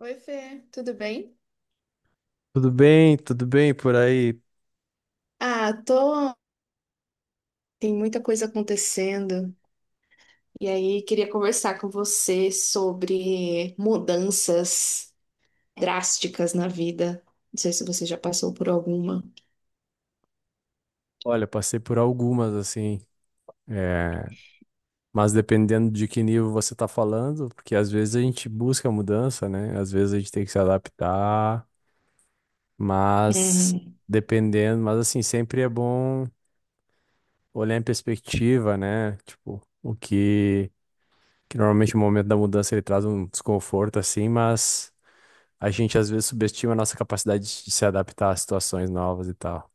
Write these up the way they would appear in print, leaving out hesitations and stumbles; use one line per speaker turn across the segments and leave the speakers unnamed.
Oi, Fê, tudo bem?
Tudo bem por aí.
Ah, tô. Tem muita coisa acontecendo. E aí, queria conversar com você sobre mudanças drásticas na vida. Não sei se você já passou por alguma.
Olha, passei por algumas assim, é, mas dependendo de que nível você está falando, porque às vezes a gente busca mudança, né? Às vezes a gente tem que se adaptar, mas
Uhum.
dependendo, mas assim, sempre é bom olhar em perspectiva, né? Tipo, que normalmente o momento da mudança ele traz um desconforto assim, mas a gente às vezes subestima a nossa capacidade de se adaptar a situações novas e tal.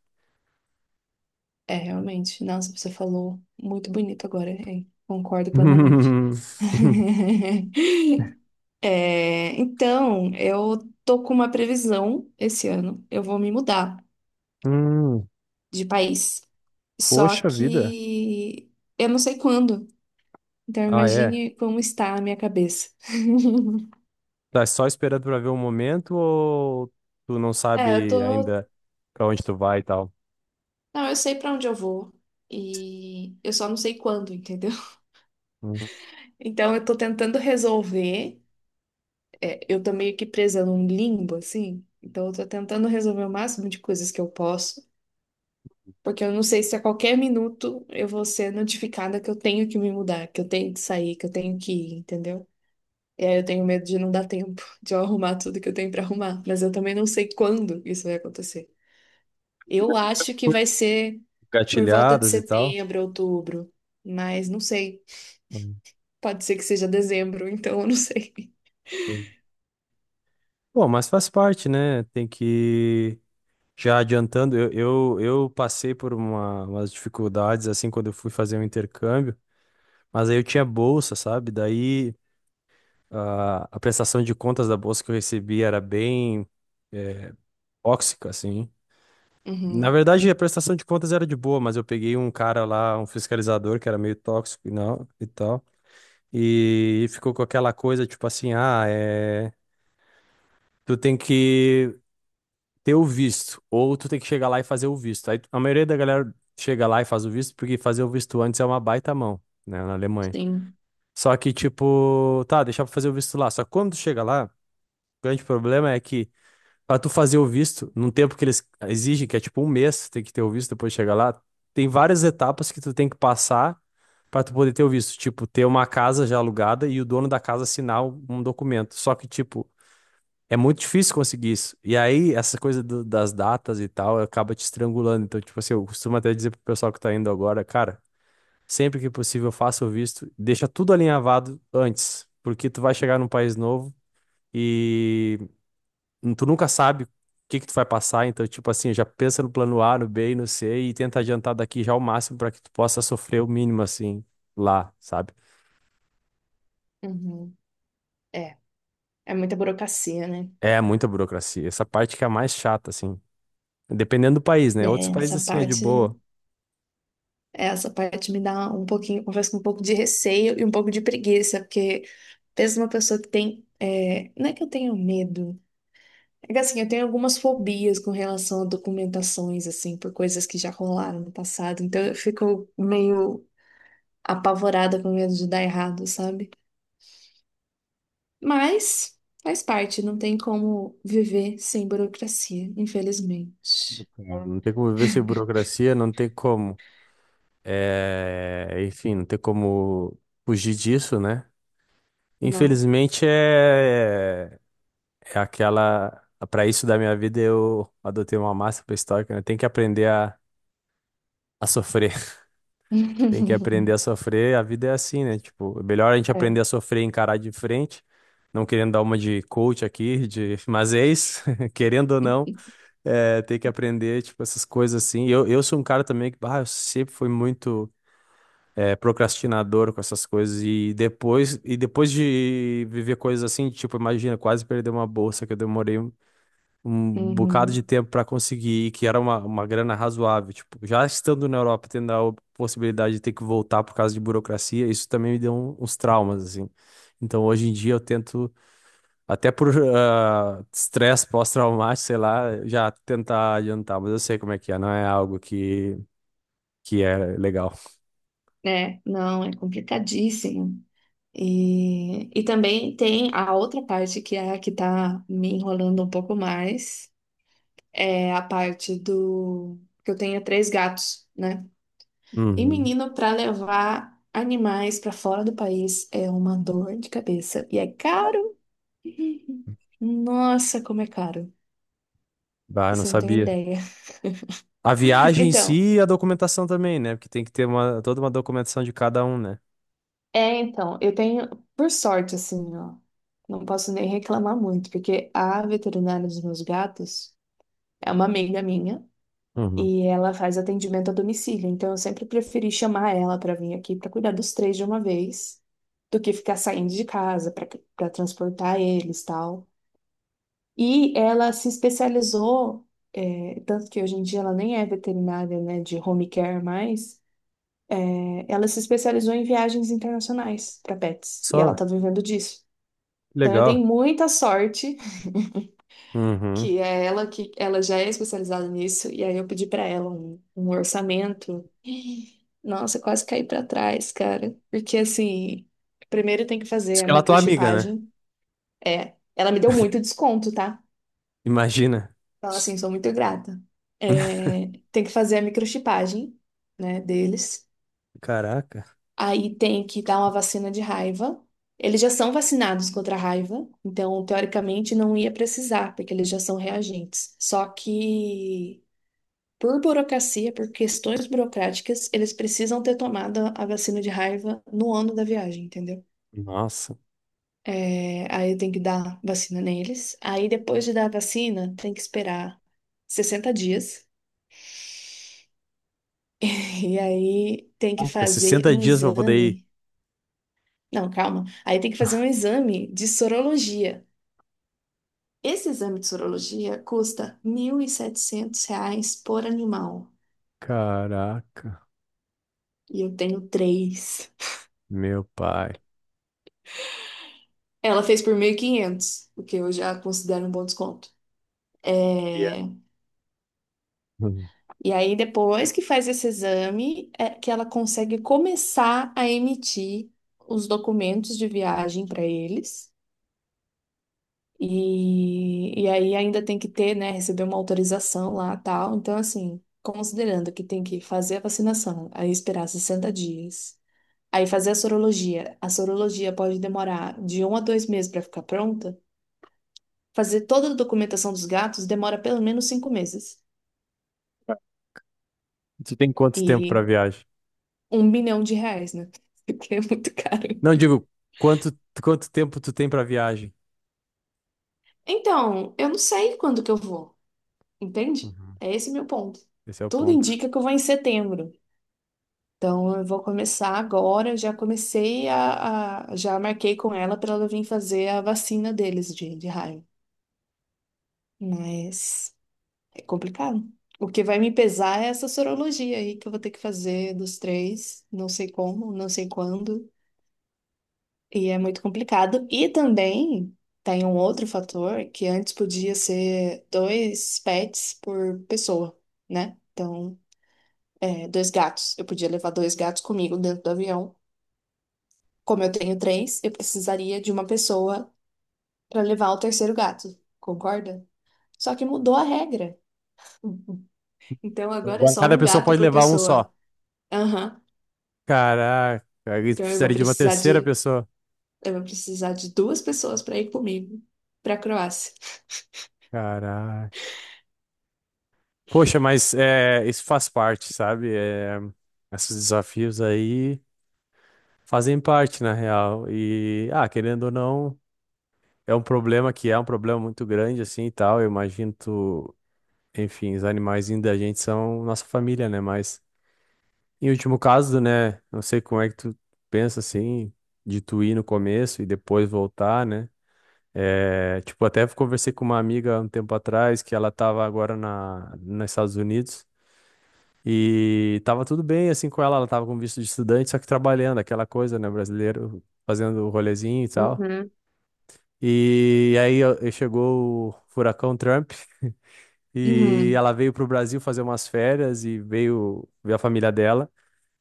É, realmente. Nossa, você falou muito bonito agora, hein? Concordo plenamente. É, então, eu tô com uma previsão esse ano. Eu vou me mudar
Hum.
de país. Só
Poxa vida.
que eu não sei quando. Então
Ah, é.
imagine como está a minha cabeça.
Tá só esperando pra ver o momento ou tu não
É, eu
sabe
tô.
ainda pra onde tu vai e tal?
Não, eu sei pra onde eu vou. E eu só não sei quando, entendeu?
Hum.
Então eu tô tentando resolver. É, eu tô meio que presa num limbo, assim. Então eu tô tentando resolver o máximo de coisas que eu posso. Porque eu não sei se a qualquer minuto eu vou ser notificada que eu tenho que me mudar, que eu tenho que sair, que eu tenho que ir, entendeu? E aí eu tenho medo de não dar tempo de eu arrumar tudo que eu tenho pra arrumar. Mas eu também não sei quando isso vai acontecer. Eu acho que vai ser por volta de
Gatilhadas e tal?
setembro, outubro. Mas não sei.
Hum,
Pode ser que seja dezembro, então eu não sei.
Entendi. Bom, mas faz parte, né? Tem que. Já adiantando, eu passei por umas dificuldades assim quando eu fui fazer o intercâmbio, mas aí eu tinha bolsa, sabe? Daí a prestação de contas da bolsa que eu recebi era bem é, tóxica, assim. Na
Uhum,
verdade, a prestação de contas era de boa, mas eu peguei um cara lá, um fiscalizador que era meio tóxico e não, e tal. E ficou com aquela coisa, tipo assim, ah, tu tem que ter o visto, ou tu tem que chegar lá e fazer o visto. Aí a maioria da galera chega lá e faz o visto, porque fazer o visto antes é uma baita mão, né, na Alemanha.
sim.
Só que, tipo, tá, deixar pra fazer o visto lá. Só que quando tu chega lá, o grande problema é que pra tu fazer o visto, num tempo que eles exigem, que é tipo um mês, tem que ter o visto depois de chegar lá, tem várias etapas que tu tem que passar pra tu poder ter o visto. Tipo, ter uma casa já alugada e o dono da casa assinar um documento. Só que, tipo, é muito difícil conseguir isso. E aí, essa coisa das datas e tal, acaba te estrangulando. Então, tipo assim, eu costumo até dizer pro pessoal que tá indo agora, cara, sempre que possível, faça o visto, deixa tudo alinhavado antes, porque tu vai chegar num país novo. E tu nunca sabe o que que tu vai passar, então, tipo assim, já pensa no plano A, no B e no C e tenta adiantar daqui já o máximo para que tu possa sofrer o mínimo, assim, lá, sabe?
Uhum. É. É muita burocracia, né?
É muita burocracia. Essa parte que é a mais chata, assim. Dependendo do país, né?
É,
Outros países,
essa
assim, é de
parte.
boa.
Essa parte me dá um pouquinho, confesso, que um pouco de receio e um pouco de preguiça, porque pensa uma pessoa que tem. Não é que eu tenho medo. É que, assim, eu tenho algumas fobias com relação a documentações, assim, por coisas que já rolaram no passado. Então eu fico meio apavorada com medo de dar errado, sabe? Mas faz parte, não tem como viver sem burocracia, infelizmente.
Não tem como viver sem burocracia, não tem como. Enfim, não tem como fugir disso, né?
Não.
Infelizmente, é aquela. Para isso da minha vida, eu adotei uma máxima estoica, né? Tem que aprender a sofrer. Tem que aprender a sofrer, a vida é assim, né? Tipo, é melhor a gente aprender a
É.
sofrer e encarar de frente, não querendo dar uma de coach aqui, de... mas é isso, querendo ou não, tem que aprender, tipo, essas coisas assim. Eu sou um cara também que, bah, eu sempre fui muito procrastinador com essas coisas e depois, de viver coisas assim, tipo, imagina, quase perder uma bolsa que eu demorei um bocado de
Uhum.
tempo para conseguir, e que era uma grana razoável. Tipo, já estando na Europa, tendo a possibilidade de ter que voltar por causa de burocracia, isso também me deu uns traumas, assim. Então, hoje em dia, eu tento, até por ah, estresse pós-traumático, sei lá, já tentar adiantar, mas eu sei como é que é, não é algo que é legal.
É, não, é complicadíssimo. E também tem a outra parte que é a que tá me enrolando um pouco mais, é a parte do que eu tenho três gatos, né? E
Uhum.
menino, para levar animais para fora do país é uma dor de cabeça e é caro. Nossa, como é caro.
Bah, eu não
Você não tem
sabia.
ideia.
A viagem em
Então,
si e a documentação também, né? Porque tem que ter uma, toda uma documentação de cada um, né?
É, então, eu tenho, por sorte, assim, ó, não posso nem reclamar muito, porque a veterinária dos meus gatos é uma amiga minha
Uhum.
e ela faz atendimento a domicílio, então eu sempre preferi chamar ela para vir aqui para cuidar dos três de uma vez, do que ficar saindo de casa para transportar eles, tal. E ela se especializou, tanto que hoje em dia ela nem é veterinária, né, de home care mais, ela se especializou em viagens internacionais para pets e ela
Só,
tá vivendo disso. Então eu
legal.
dei muita sorte
Uhum.
que é ela que ela já é especializada nisso e aí eu pedi para ela um orçamento. Nossa, eu quase caí para trás, cara, porque assim, primeiro tem que fazer
Isso
a
que ela é tua amiga, né?
microchipagem. É, ela me deu muito desconto, tá?
Imagina.
Então assim, sou muito grata. É, tem que fazer a microchipagem, né, deles.
Caraca.
Aí tem que dar uma vacina de raiva. Eles já são vacinados contra a raiva, então teoricamente não ia precisar, porque eles já são reagentes. Só que por burocracia, por questões burocráticas, eles precisam ter tomado a vacina de raiva no ano da viagem, entendeu?
Nossa.
É, aí tem que dar vacina neles. Aí depois de dar a vacina, tem que esperar 60 dias. E aí tem que
Caraca,
fazer
60
um
dias pra poder ir.
exame. Não, calma. Aí tem que fazer um exame de sorologia. Esse exame de sorologia custa R$ 1.700 por animal.
Caraca.
E eu tenho três.
Meu pai.
Ela fez por 1.500, o que eu já considero um bom desconto.
Yeah.
É.
Hum.
E aí, depois que faz esse exame, é que ela consegue começar a emitir os documentos de viagem para eles. E aí ainda tem que ter, né, receber uma autorização lá, tal. Então, assim, considerando que tem que fazer a vacinação, aí esperar 60 dias, aí fazer a sorologia. A sorologia pode demorar de 1 a 2 meses para ficar pronta. Fazer toda a documentação dos gatos demora pelo menos 5 meses.
Tu tem quanto tempo pra
E
viagem?
1 bilhão de reais, né? Porque é muito caro.
Não, digo, quanto, quanto tempo tu tem pra viagem?
Então, eu não sei quando que eu vou, entende?
Uhum.
É esse meu ponto.
Esse é o
Tudo
ponto.
indica que eu vou em setembro. Então, eu vou começar agora. Eu já comecei já marquei com ela para ela vir fazer a vacina deles de raiva. Mas é complicado. O que vai me pesar é essa sorologia aí que eu vou ter que fazer dos três, não sei como, não sei quando, e é muito complicado. E também tem um outro fator que antes podia ser dois pets por pessoa, né? Então, dois gatos. Eu podia levar dois gatos comigo dentro do avião. Como eu tenho três, eu precisaria de uma pessoa para levar o terceiro gato, concorda? Só que mudou a regra. Então agora é
Agora,
só
cada
um
pessoa
gato
pode
por
levar um só.
pessoa. Aham.
Caraca. Isso
Então eu vou
precisaria de uma
precisar
terceira
de
pessoa.
eu vou precisar de duas pessoas para ir comigo para Croácia.
Caraca. Poxa, mas é, isso faz parte, sabe? É, esses desafios aí. Fazem parte, na real. E, ah, querendo ou não, é um problema que é um problema muito grande, assim, e tal. Eu imagino tu, enfim, os animais da gente são nossa família, né? Mas, em último caso, né? Não sei como é que tu pensa, assim, de tu ir no começo e depois voltar, né? É, tipo, até conversei com uma amiga um tempo atrás, que ela tava agora nos Estados Unidos. E tava tudo bem, assim, com ela. Ela tava com visto de estudante, só que trabalhando, aquela coisa, né? Brasileiro fazendo o rolezinho e tal.
Uhum.
E aí ó, e chegou o furacão Trump e
Uhum.
ela veio para o Brasil fazer umas férias e veio ver a família dela.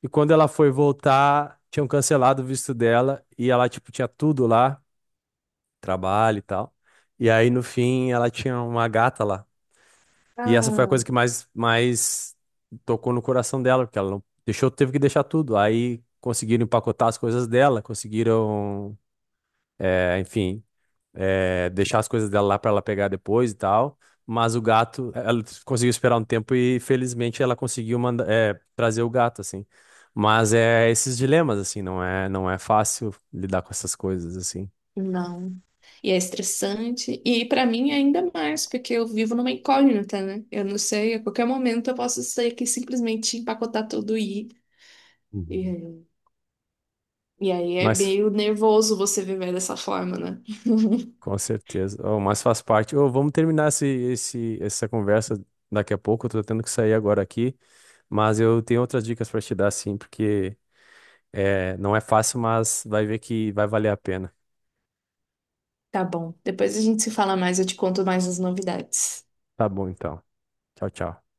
E quando ela foi voltar, tinham cancelado o visto dela e ela tipo tinha tudo lá, trabalho e tal. E aí no fim ela tinha uma gata lá. E essa foi a
Ah,
coisa que mais tocou no coração dela, porque ela não deixou, teve que deixar tudo. Aí conseguiram empacotar as coisas dela, conseguiram, enfim deixar as coisas dela lá para ela pegar depois e tal. Mas o gato, ela conseguiu esperar um tempo e felizmente ela conseguiu trazer o gato, assim. Mas é esses dilemas, assim, não é fácil lidar com essas coisas, assim.
não. E é estressante. E para mim é ainda mais, porque eu vivo numa incógnita, né? Eu não sei, a qualquer momento eu posso sair aqui e simplesmente empacotar tudo e
Uhum.
ir. E aí é
Mas
meio nervoso você viver dessa forma, né?
com certeza, oh, mas faz parte. Ô, vamos terminar essa conversa daqui a pouco. Eu tô tendo que sair agora aqui, mas eu tenho outras dicas para te dar, sim, porque não é fácil, mas vai ver que vai valer a pena.
Tá bom. Depois a gente se fala mais, eu te conto mais as novidades.
Tá bom, então. Tchau, tchau.